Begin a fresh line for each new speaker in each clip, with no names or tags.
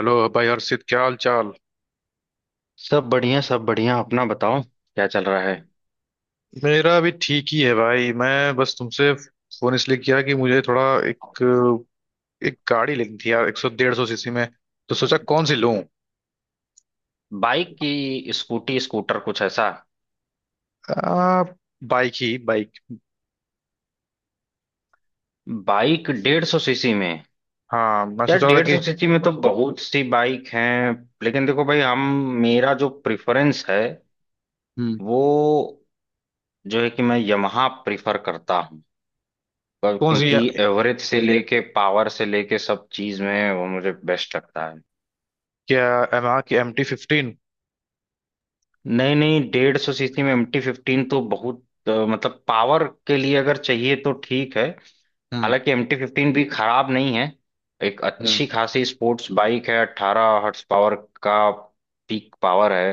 Hello भाई हर्षित, क्या हाल चाल।
सब बढ़िया, सब बढ़िया। अपना बताओ क्या चल रहा है।
मेरा अभी ठीक ही है भाई। मैं बस तुमसे फोन इसलिए किया कि मुझे थोड़ा एक एक गाड़ी लेनी थी यार, 100-150 सीसी में। तो सोचा कौन सी लूं।
बाइक की, स्कूटी, स्कूटर, कुछ ऐसा?
आ, बाइक ही बाइक।
बाइक डेढ़ सौ सीसी में?
हाँ मैं
यार
सोच रहा था
डेढ़
कि।
सौ सीसी में तो बहुत सी बाइक हैं, लेकिन देखो भाई, हम, मेरा जो प्रेफरेंस है
हम्म।
वो जो है कि मैं यमहा प्रेफर करता हूँ, पर
कौन सी
क्योंकि
है?
एवरेज से लेके पावर से लेके सब चीज में वो मुझे बेस्ट लगता है।
क्या, यामाहा की MT15?
नहीं नहीं, डेढ़ सौ सीसी में एम टी फिफ्टीन तो बहुत, मतलब पावर के लिए अगर चाहिए तो ठीक है।
हम्म।
हालांकि एम टी फिफ्टीन भी खराब नहीं है, एक
हम्म।
अच्छी खासी स्पोर्ट्स बाइक है। अट्ठारह हॉर्स पावर का पीक पावर है।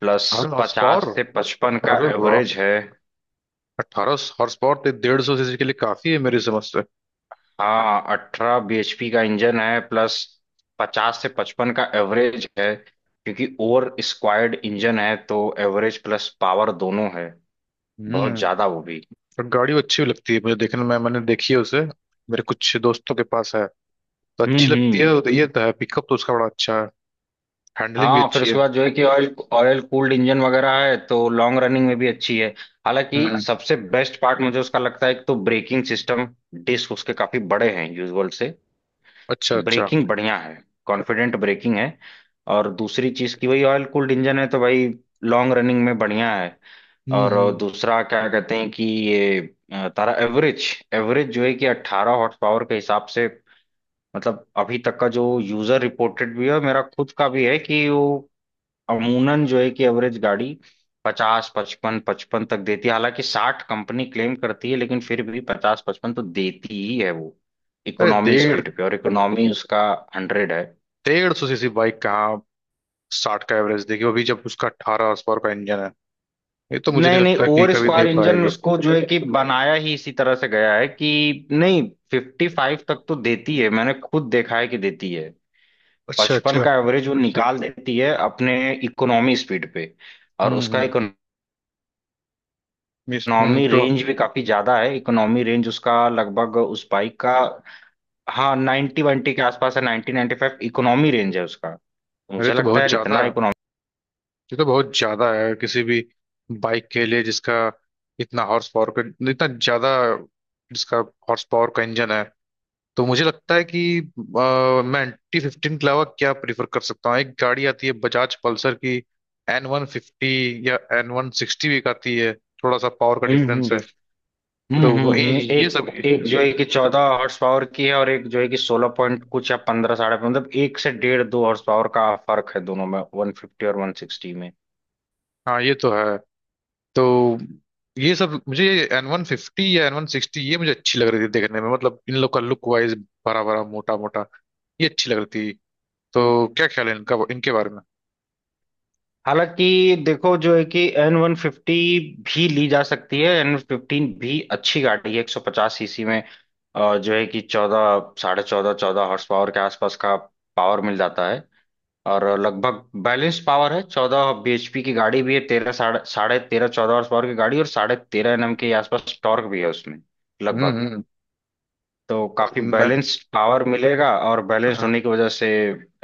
Plus
18 horsepower?
पचास से पचपन का
अरे वाह।
एवरेज है।
18 हॉर्स पावर तो 150 सीसी के लिए काफी है मेरी समझ से।
हाँ, अठारह bhp का इंजन है, प्लस पचास से पचपन का एवरेज है, क्योंकि ओवर स्क्वायर्ड इंजन है, तो एवरेज प्लस पावर दोनों है बहुत
हम्म।
ज्यादा, वो भी।
और गाड़ी अच्छी भी लगती है मुझे देखने में, मैंने देखी है उसे। मेरे कुछ दोस्तों के पास है, तो अच्छी लगती
हम्म।
है। तो ये तो है, पिकअप तो उसका बड़ा अच्छा है। हैंडलिंग भी
हाँ फिर
अच्छी है।
उसके बाद जो है कि ऑयल ऑयल कूल्ड इंजन वगैरह है, तो लॉन्ग रनिंग में भी अच्छी है। हालांकि
हम्म।
सबसे बेस्ट पार्ट मुझे उसका लगता है, एक तो ब्रेकिंग सिस्टम, डिस्क उसके काफी बड़े हैं यूजुअल से,
अच्छा
तो
अच्छा।
ब्रेकिंग बढ़िया है, कॉन्फिडेंट ब्रेकिंग है। और दूसरी चीज की वही ऑयल कूल्ड इंजन है, तो भाई लॉन्ग रनिंग में बढ़िया है। और
हम्म।
दूसरा क्या कहते हैं कि ये, अ, तारा एवरेज, एवरेज जो है कि 18 हॉर्स पावर के हिसाब से, मतलब अभी तक का जो यूजर रिपोर्टेड भी है, मेरा खुद का भी है कि वो अमूनन जो है कि एवरेज गाड़ी पचास पचपन पचपन तक देती है। हालांकि साठ कंपनी क्लेम करती है, लेकिन फिर भी पचास पचपन तो देती ही है वो,
अरे
इकोनॉमी
डेढ़
स्पीड पे। और इकोनॉमी उसका हंड्रेड है।
डेढ़ सौ सीसी बाइक कहाँ 60 का एवरेज देगी अभी, जब उसका 18 हॉर्स पावर का इंजन है। ये तो मुझे नहीं
नहीं नहीं,
लगता कि
ओवर
कभी दे
स्क्वायर इंजन
पाएगी।
उसको जो है कि बनाया ही इसी तरह से गया है कि नहीं, फिफ्टी फाइव तक तो देती है, मैंने खुद देखा है कि देती है।
अच्छा
पचपन
अच्छा।
का एवरेज वो निकाल देती है अपने इकोनॉमी स्पीड पे। और उसका
हम्म। हम्म।
इकोनॉमी
तो
रेंज भी काफी ज्यादा है। इकोनॉमी रेंज उसका लगभग, उस बाइक का, हाँ नाइन्टी वाइन्टी के आसपास है, ninety ninety five economy range है उसका, तो
अरे
मुझे
तो
लगता है
बहुत
यार
ज्यादा
इतना
है।
इकोनॉमी।
ये तो बहुत ज्यादा है किसी भी बाइक के लिए, इतना हॉर्स पावर का इतना ज्यादा जिसका हॉर्स पावर का इंजन है। तो मुझे लगता है कि मैं एंटी 15 के अलावा क्या प्रीफर कर सकता हूँ। एक गाड़ी आती है बजाज पल्सर की, N150 या N160 भी एक आती है। थोड़ा सा पावर का
हम्म।
डिफरेंस है। तो वो- ये ये सब
एक एक जो है कि चौदह हॉर्स पावर की है, और एक जो है कि सोलह पॉइंट कुछ या पंद्रह, साढ़े पंद्रह, मतलब एक से डेढ़ दो हॉर्स पावर का फर्क है दोनों में, वन फिफ्टी और वन सिक्सटी में।
हाँ ये तो है। तो ये सब मुझे, N150 या एन वन सिक्सटी, ये मुझे अच्छी लग रही थी देखने में, मतलब इन लोग का लुक वाइज बड़ा बड़ा मोटा मोटा, ये अच्छी लग रही थी। तो क्या ख्याल है इनका, इनके बारे में?
हालांकि देखो जो है कि एन वन फिफ्टी भी ली जा सकती है, एन फिफ्टीन भी अच्छी गाड़ी है एक सौ पचास सीसी में। और जो है कि चौदह, साढ़े चौदह, चौदह हॉर्स पावर के आसपास का पावर मिल जाता है, और लगभग बैलेंस पावर है। चौदह bhp की गाड़ी भी है, तेरह, साढ़े साढ़े तेरह चौदह हॉर्स पावर की गाड़ी, और साढ़े तेरह एनएम के आसपास टॉर्क भी है उसमें, लगभग।
हम्म
तो काफी
हम्म। मैंने।
बैलेंस्ड पावर मिलेगा, और बैलेंस्ड
हाँ।
होने की वजह से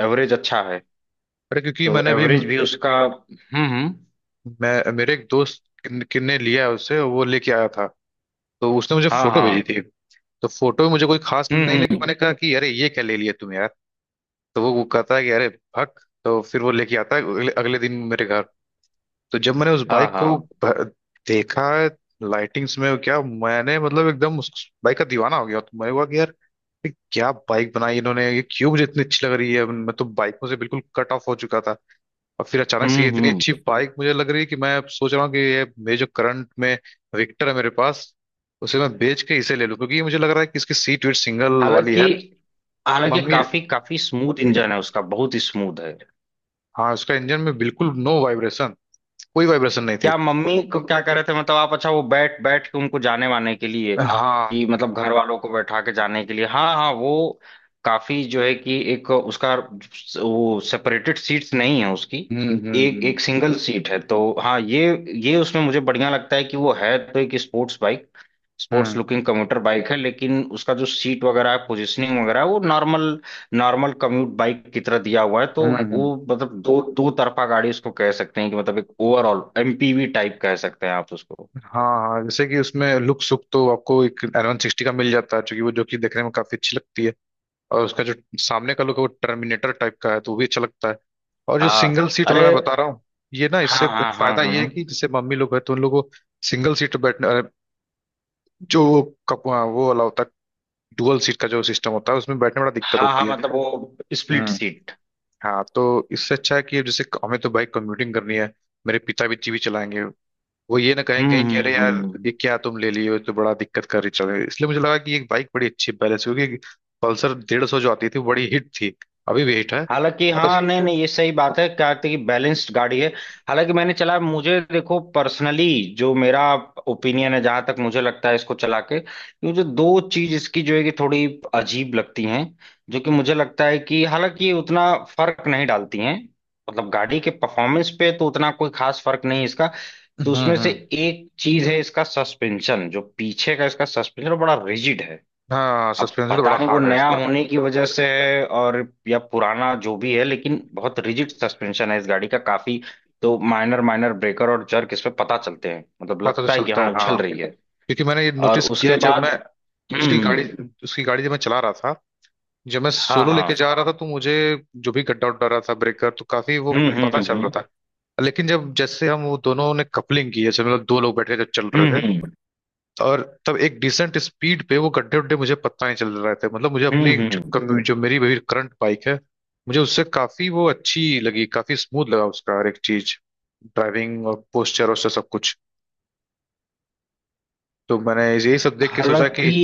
एवरेज अच्छा है,
अरे क्योंकि
तो
मैंने भी,
एवरेज भी उसका। हम्म।
मैं मेरे एक दोस्त किन्ने लिया है उसे, वो लेके आया था, तो उसने मुझे
हाँ
फोटो भेजी
हाँ।
थी। तो फोटो में मुझे कोई खास
हम्म
नहीं लगी,
हम्म,
मैंने कहा कि अरे ये क्या ले लिया तुम यार। तो वो कहता है कि अरे भक, तो फिर वो लेके आता है अगले दिन मेरे घर। तो जब मैंने उस
हाँ
बाइक को
हाँ।
भ- देखा लाइटिंग्स में, क्या मैंने मतलब एकदम उस बाइक का दीवाना हो गया। तो मैं हुआ कि यार, ये क्या बाइक बनाई इन्होंने, ये क्यों मुझे इतनी अच्छी लग रही है। मैं तो बाइकों से बिल्कुल कट ऑफ हो चुका था, और फिर अचानक से ये इतनी
हम्म।
अच्छी बाइक मुझे लग रही है कि मैं अब सोच रहा हूँ कि ये मेरे जो करंट में विक्टर है मेरे पास, उसे मैं बेच के इसे ले लूँ। क्योंकि ये मुझे लग रहा है कि इसकी सीट वीट सिंगल वाली
हालांकि,
है।
हालांकि
मम्मी।
काफी काफी स्मूथ इंजन है उसका, बहुत ही स्मूथ है।
हाँ उसका इंजन में बिल्कुल नो वाइब्रेशन, कोई वाइब्रेशन नहीं थी।
क्या मम्मी को क्या कह रहे थे, मतलब आप? अच्छा, वो बैठ बैठ के उनको जाने वाने के लिए,
हाँ।
कि मतलब घर वालों को बैठा के जाने के लिए? हाँ हाँ, वो काफी जो है कि एक उसका, वो सेपरेटेड सीट्स नहीं है उसकी,
हम्म।
एक एक सिंगल सीट है तो, हाँ ये उसमें मुझे बढ़िया लगता है कि वो है तो एक स्पोर्ट्स बाइक, स्पोर्ट्स
हम्म।
लुकिंग कम्यूटर बाइक है, लेकिन उसका जो सीट वगैरह है, पोजिशनिंग वगैरह है, वो नॉर्मल, नॉर्मल कम्यूट बाइक की तरह दिया हुआ है। तो
हम्म। हम्म।
वो मतलब दो दो तरफा गाड़ी उसको कह सकते हैं, कि मतलब एक ओवरऑल एमपीवी टाइप कह सकते हैं आप उसको।
हाँ हाँ। जैसे कि उसमें लुक सुक तो आपको एक N160 का मिल जाता है, क्योंकि वो जो कि देखने में काफी अच्छी लगती है। और उसका जो सामने का लुक है वो टर्मिनेटर टाइप का है, तो वो भी अच्छा लगता है। और जो
हाँ,
सिंगल सीट वाला
अरे
मैं बता रहा हूँ, ये ना, इससे
हाँ हाँ
एक
हाँ
फायदा ये
हाँ,
है कि जैसे मम्मी लोग है तो उन लोगों को सिंगल सीट बैठने अरे, जो कप हाँ, वो वाला होता है। डुअल सीट का जो सिस्टम होता है उसमें बैठने में बड़ा दिक्कत
हाँ हाँ
होती है।
मतलब वो स्प्लिट
हम्म।
सीट।
हाँ तो इससे अच्छा है कि जैसे हमें तो बाइक कम्यूटिंग करनी है। मेरे पिता भी जीवी चलाएंगे, वो ये ना कहें
हम्म
कहीं कि अरे यार
हम्म।
ये क्या तुम ले लिए हो, ये तो बड़ा दिक्कत कर रही चल रही है। इसलिए मुझे लगा कि ये बाइक बड़ी अच्छी बैलेंस, क्योंकि पल्सर 150 जो आती थी वो बड़ी हिट थी, अभी भी हिट है।
हालांकि, और
बस।
हाँ, ये नहीं, सब नहीं, ये सही बात है, कार्तिक की बैलेंस्ड गाड़ी है। हालांकि मैंने चला, मुझे देखो पर्सनली, जो मेरा ओपिनियन है, जहां तक मुझे लगता है इसको चला के, कि मुझे दो चीज इसकी जो है कि थोड़ी अजीब लगती हैं। जो कि मुझे लगता है कि हालांकि ये उतना फर्क नहीं डालती हैं, मतलब गाड़ी के परफॉर्मेंस पे तो उतना कोई खास फर्क नहीं है इसका। तो उसमें से
हम्म।
एक चीज है इसका सस्पेंशन, जो पीछे का इसका सस्पेंशन बड़ा रिजिड है।
हाँ
अब
सस्पेंस तो
पता
बड़ा
नहीं वो
हार्ड है
नया
इसका।
होने की वजह से है, या पुराना जो भी है, लेकिन बहुत रिजिड सस्पेंशन है इस गाड़ी का, काफी। तो माइनर माइनर ब्रेकर और जर्क इस पे पता चलते हैं, मतलब
पता तो
लगता है कि
चलता
हाँ
है
उछल
हाँ,
रही है।
क्योंकि मैंने ये
और
नोटिस किया
उसके
है। जब मैं
बाद,
उसकी
हम्म,
गाड़ी उसकी गाड़ी जब मैं चला रहा था, जब मैं
हाँ
सोलो लेके
हाँ।
जा रहा था, तो मुझे जो भी गड्ढा उड्ढा रहा था, ब्रेकर, तो काफी वो
हम्म हम्म
पता चल
हम्म
रहा था। लेकिन जब जैसे हम वो दोनों ने कपलिंग की, जैसे मतलब दो लोग बैठे जब चल
हम्म।
रहे थे, और तब एक डिसेंट स्पीड पे वो गड्ढे उड्ढे मुझे पता नहीं चल रहे थे। मतलब मुझे अपने जो
हम्म।
जो मेरी मेरी करंट बाइक है, मुझे उससे काफी वो अच्छी लगी, काफी स्मूथ लगा उसका हर एक चीज, ड्राइविंग और पोस्चर और सब कुछ। तो मैंने यही सब देख के सोचा कि।
हालांकि,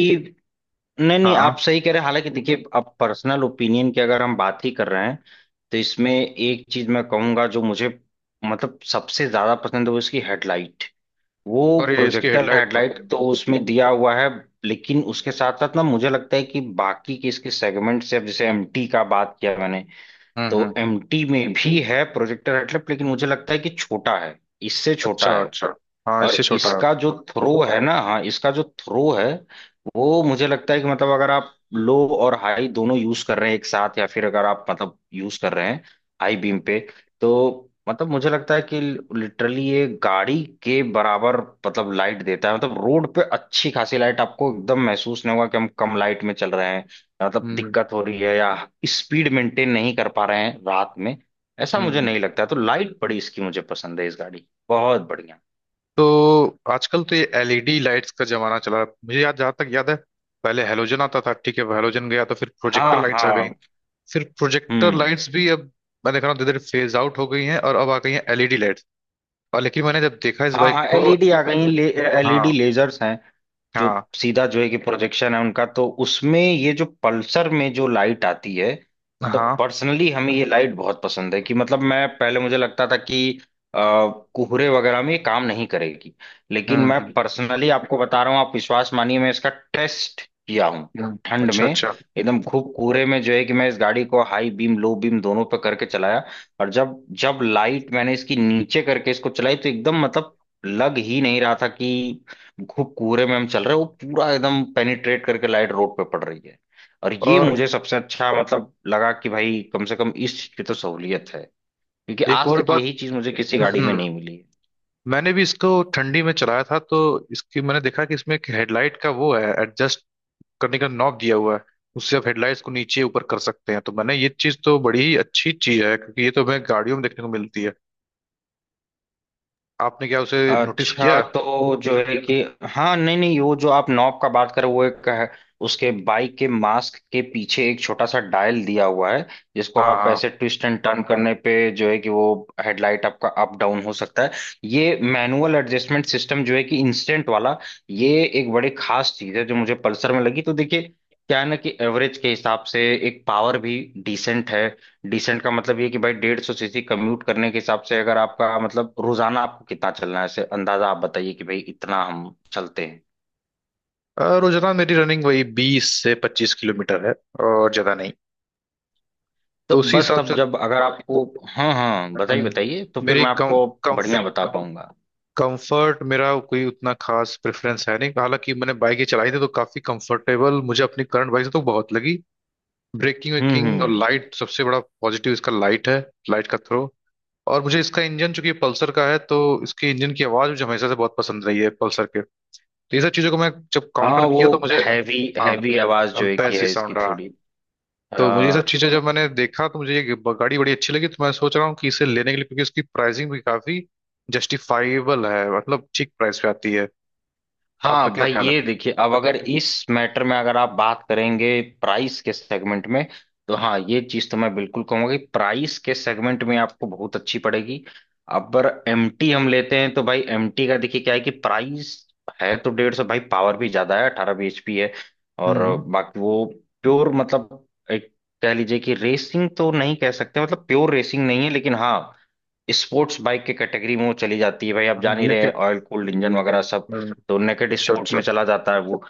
नहीं नहीं,
हाँ।
आप सही कह रहे हैं। हालांकि देखिए, अब पर्सनल ओपिनियन की अगर हम बात ही कर रहे हैं तो इसमें एक चीज मैं कहूंगा जो मुझे, मतलब सबसे ज्यादा पसंद है, वो इसकी हेडलाइट, वो
और ये इसकी
प्रोजेक्टर
हेडलाइट तो।
हेडलाइट तो उसमें दिया हुआ है। लेकिन उसके साथ साथ ना मुझे लगता है कि बाकी के इसके सेगमेंट से, अब जैसे एमटी का बात किया मैंने, तो
हम्म।
एमटी में भी है प्रोजेक्टर हेडलाइट, लेकिन मुझे लगता है कि छोटा है, इससे छोटा
अच्छा
है।
अच्छा। हाँ
और
इससे छोटा है।
इसका जो थ्रो है ना, हाँ इसका जो थ्रो है वो मुझे लगता है कि, मतलब अगर आप लो और हाई दोनों यूज कर रहे हैं एक साथ, या फिर अगर आप मतलब यूज कर रहे हैं हाई बीम पे, तो मतलब मुझे लगता है कि लिटरली ये गाड़ी के बराबर, मतलब लाइट देता है, मतलब रोड पे अच्छी खासी लाइट। आपको एकदम महसूस नहीं होगा कि हम कम लाइट में चल रहे हैं, मतलब
हम्म
दिक्कत हो रही है या स्पीड मेंटेन नहीं कर पा रहे हैं रात में, ऐसा मुझे
हम्म।
नहीं लगता है। तो लाइट बड़ी इसकी मुझे पसंद है इस गाड़ी की। बहुत बढ़िया।
तो आजकल तो ये एलईडी लाइट्स का जमाना चला है। मुझे याद, जहाँ तक याद है, पहले हेलोजन आता था। ठीक है, हेलोजन गया तो फिर
हाँ
प्रोजेक्टर लाइट्स आ गई।
हाँ।
सिर्फ प्रोजेक्टर
हम्म,
लाइट्स भी अब मैं देख रहा हूँ धीरे धीरे फेज आउट हो गई हैं, और अब आ गई हैं एलईडी लाइट्स। और लेकिन मैंने जब देखा इस
हाँ
बाइक
हाँ
को।
एलईडी आ गई। एलईडी
हाँ
लेजर्स हैं, जो
हाँ।
सीधा जो है कि प्रोजेक्शन है उनका, तो उसमें ये जो पल्सर में जो लाइट आती है, मतलब
हाँ।
पर्सनली हमें ये लाइट बहुत पसंद है। कि मतलब मैं पहले, मुझे लगता था कि अ, कोहरे वगैरह में ये काम नहीं करेगी, लेकिन मैं
हम्म।
पर्सनली आपको बता रहा हूँ, आप विश्वास मानिए, मैं इसका टेस्ट किया हूँ
हम्म।
ठंड
अच्छा
में,
अच्छा।
एकदम खूब कोहरे में। जो है कि मैं इस गाड़ी को हाई बीम लो बीम दोनों पे करके चलाया, और जब, जब लाइट मैंने इसकी नीचे करके इसको चलाई तो एकदम मतलब लग ही नहीं रहा था कि खूब कोहरे में हम चल रहे हैं। वो पूरा एकदम पेनिट्रेट करके लाइट रोड पे पड़ रही है, और ये
और
मुझे सबसे अच्छा मतलब लगा कि भाई कम से कम इस चीज की तो सहूलियत है, क्योंकि
एक
आज
और
तक
बात।
यही चीज मुझे किसी गाड़ी में
हम्म।
नहीं मिली है।
मैंने भी इसको ठंडी में चलाया था, तो इसकी मैंने देखा कि इसमें एक हेडलाइट का वो है एडजस्ट करने का नॉब दिया हुआ है। उससे आप हेडलाइट्स को नीचे ऊपर कर सकते हैं। तो मैंने ये चीज तो बड़ी ही अच्छी चीज है, क्योंकि ये तो हमें गाड़ियों में देखने को मिलती है। आपने क्या उसे नोटिस
अच्छा,
किया?
तो जो है कि, हाँ नहीं नहीं, वो जो आप नॉब का बात कर रहे हो, वो एक है, उसके बाइक के मास्क के पीछे एक छोटा सा डायल दिया हुआ है, जिसको
हाँ
आप
हाँ।
ऐसे ट्विस्ट एंड टर्न करने पे जो है कि वो हेडलाइट आपका अप डाउन हो सकता है। ये मैनुअल एडजस्टमेंट सिस्टम जो है कि इंस्टेंट वाला, ये एक बड़ी खास चीज है जो मुझे पल्सर में लगी। तो देखिए, क्या है ना कि एवरेज के हिसाब से एक पावर भी डिसेंट है। डिसेंट का मतलब ये कि भाई डेढ़ सौ सीसी कम्यूट करने के हिसाब से, अगर आपका मतलब रोजाना आपको कितना चलना है, ऐसे अंदाजा आप बताइए कि भाई इतना हम चलते हैं,
रोजाना मेरी रनिंग वही 20 से 25 किलोमीटर है, और ज्यादा नहीं।
तो
तो उसी
बस
हिसाब
तब
से।
जब अगर आपको, हाँ हाँ बताइए
हम्म।
बताइए तो फिर
मेरी
मैं
कम
आपको
कम
बढ़िया बता पाऊंगा।
कंफर्ट मेरा कोई उतना खास प्रेफरेंस है नहीं, हालांकि मैंने बाइक ही चलाई थी तो काफी कंफर्टेबल मुझे अपनी करंट बाइक से तो बहुत लगी। ब्रेकिंग वेकिंग और
हम्म।
लाइट, सबसे बड़ा पॉजिटिव इसका लाइट है, लाइट का थ्रो। और मुझे इसका इंजन चूंकि पल्सर का है, तो इसके इंजन की आवाज मुझे हमेशा से बहुत पसंद रही है पल्सर के। तो ये सब चीजों को मैं जब
हाँ
काउंटर
वो
किया तो मुझे।
हैवी
हाँ
हैवी आवाज जो है कि
बेस ही
है इसकी
साउंड।
थोड़ी।
तो मुझे ये सब चीजें जब मैंने देखा तो मुझे ये गाड़ी बड़ी अच्छी लगी। तो मैं सोच रहा हूँ कि इसे लेने के लिए, क्योंकि इसकी प्राइसिंग भी काफी जस्टिफाइबल है, मतलब ठीक प्राइस पे आती है। आपका
हाँ
क्या
भाई
ख्याल है?
ये देखिए, अब अगर इस मैटर में अगर आप बात करेंगे प्राइस के सेगमेंट में, तो हाँ, ये चीज तो मैं बिल्कुल कहूंगा कि प्राइस के सेगमेंट में आपको बहुत अच्छी पड़ेगी। अब एमटी हम लेते हैं तो भाई एमटी का देखिए क्या है कि प्राइस है तो डेढ़ सौ, भाई पावर भी ज्यादा है, अठारह bhp है, और
हम्म।
बाकी वो प्योर मतलब एक, कह लीजिए कि रेसिंग तो नहीं कह सकते, मतलब प्योर रेसिंग नहीं है, लेकिन हाँ स्पोर्ट्स बाइक के कैटेगरी में वो चली जाती है। भाई आप जान ही रहे हैं
लेकिन।
ऑयल कूल्ड इंजन वगैरह सब,
हम्म।
तो नेकेड
अच्छा
स्पोर्ट में
अच्छा।
चला जाता है वो।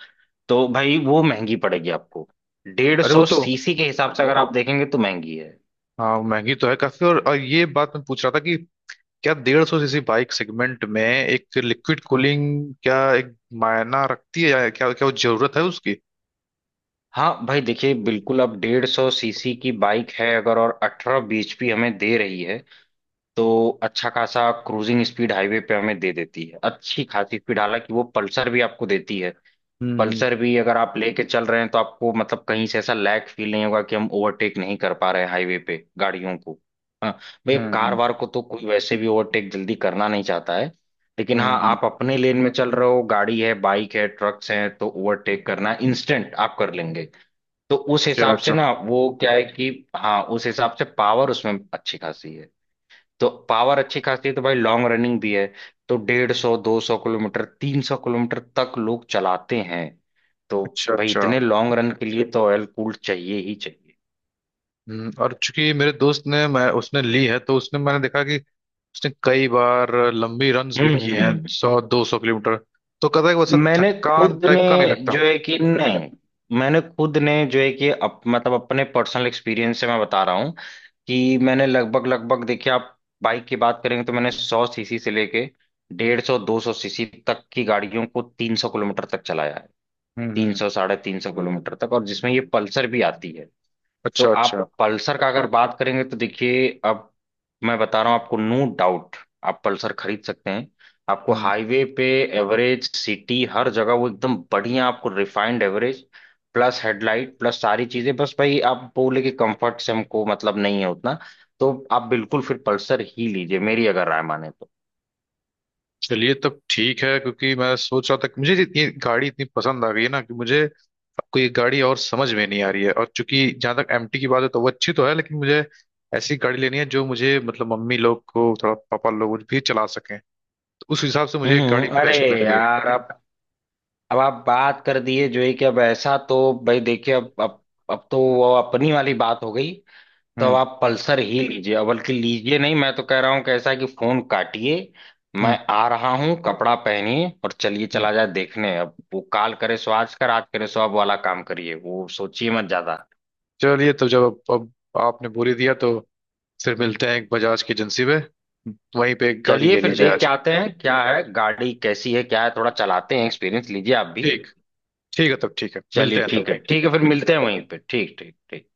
तो भाई वो महंगी पड़ेगी आपको, डेढ़
अरे वो
सौ
तो।
सीसी के हिसाब से अगर आप देखेंगे तो महंगी है।
हाँ महंगी तो है काफी। और ये बात मैं पूछ रहा था कि क्या 150 सीसी बाइक सेगमेंट में एक लिक्विड कूलिंग क्या एक मायना रखती है, या क्या, क्या वो जरूरत है उसकी?
हाँ भाई देखिए बिल्कुल, अब डेढ़ सौ सीसी की बाइक है अगर, और अठारह bhp हमें दे रही है तो अच्छा खासा क्रूजिंग स्पीड हाईवे पे हमें दे देती है, अच्छी खासी स्पीड। हालांकि वो पल्सर भी आपको देती है,
हम्म
पल्सर भी अगर आप लेके चल रहे हैं तो आपको मतलब कहीं से ऐसा लैग फील नहीं होगा कि हम ओवरटेक नहीं कर पा रहे हैं हाईवे पे गाड़ियों को। हाँ, भाई
हम्म।
कार वार को तो कोई वैसे भी ओवरटेक जल्दी करना नहीं चाहता है, लेकिन हाँ
हम्म। हम्म।
आप अपने लेन में चल रहे हो, गाड़ी है, बाइक है, ट्रक्स हैं, तो ओवरटेक करना इंस्टेंट आप कर लेंगे। तो उस
अच्छा
हिसाब से
अच्छा।
ना वो क्या है कि, हाँ उस हिसाब से पावर उसमें अच्छी खासी है। तो पावर अच्छी खासी है, तो भाई लॉन्ग रनिंग भी है, तो डेढ़ सौ, दो सौ किलोमीटर, तीन सौ किलोमीटर तक लोग चलाते हैं। तो
अच्छा
भाई
अच्छा।
इतने लॉन्ग रन के लिए तो ऑयल कूल्ड चाहिए ही चाहिए।
हम्म। और चूंकि मेरे दोस्त ने, मैं, उसने ली है, तो उसने, मैंने देखा कि उसने कई बार लंबी रन्स भी
हम्म
की हैं।
हम्म।
100-200 किलोमीटर। तो कहता है कि वैसा
मैंने
थकान
खुद ने
टाइप का नहीं
जो
लगता।
है कि नहीं, मैंने खुद ने जो है कि मतलब अपने पर्सनल एक्सपीरियंस से मैं बता रहा हूँ कि मैंने लगभग लगभग, देखिए आप बाइक की बात करेंगे तो मैंने सौ सीसी से लेके डेढ़ सौ दो सौ सीसी तक की गाड़ियों को तीन सौ किलोमीटर तक चलाया है, तीन
हम्म।
सौ, साढ़े तीन सौ किलोमीटर तक, और जिसमें ये पल्सर भी आती है। तो
अच्छा
आप
अच्छा।
पल्सर का अगर बात करेंगे तो देखिए, अब मैं बता रहा हूँ आपको, नो डाउट आप पल्सर खरीद सकते हैं। आपको
हम्म।
हाईवे पे, एवरेज, सिटी, हर जगह वो एकदम बढ़िया आपको refined average, plus headlight, plus सारी चीजें। बस भाई आप बोले कि कंफर्ट से हमको मतलब नहीं है उतना, तो आप बिल्कुल फिर पल्सर ही लीजिए, मेरी अगर राय माने तो।
चलिए तब ठीक है, क्योंकि मैं सोच रहा था कि मुझे ये गाड़ी इतनी पसंद आ गई है ना, कि मुझे अब कोई गाड़ी और समझ में नहीं आ रही है। और चूंकि जहां तक एमटी की बात है तो वो अच्छी तो है, लेकिन मुझे ऐसी गाड़ी लेनी है जो मुझे मतलब मम्मी लोग को, थोड़ा पापा लोग भी चला सकें। तो उस हिसाब से मुझे एक गाड़ी
हम्म, अरे
बेस्ट लग रही है।
यार, अब आप बात कर दिए जो है कि अब ऐसा तो, भाई देखिए, अब अब तो वो अपनी वाली बात हो गई, तो अब
हम्म
आप पल्सर ही लीजिए, और बल्कि लीजिए नहीं, मैं तो कह रहा हूँ कि ऐसा है कि फोन काटिए, मैं
हम्म।
आ रहा हूँ, कपड़ा पहनिए और चलिए, चला जाए देखने। अब वो काल करे सो आज, का रात करे सो अब वाला काम करिए, वो सोचिए मत ज्यादा।
चलिए तो जब अब आपने बोली दिया, तो फिर मिलते हैं एक बजाज की एजेंसी में, वहीं पे एक गाड़ी
चलिए,
ले ली
फिर
जाए
देख के
आज।
आते हैं क्या है गाड़ी, कैसी है क्या है, थोड़ा चलाते हैं, एक्सपीरियंस लीजिए आप भी।
ठीक ठीक है तब, ठीक है, मिलते
चलिए
हैं तब
ठीक है,
वहीं।
ठीक है, फिर मिलते हैं वहीं पे, ठीक ठीक ठीक।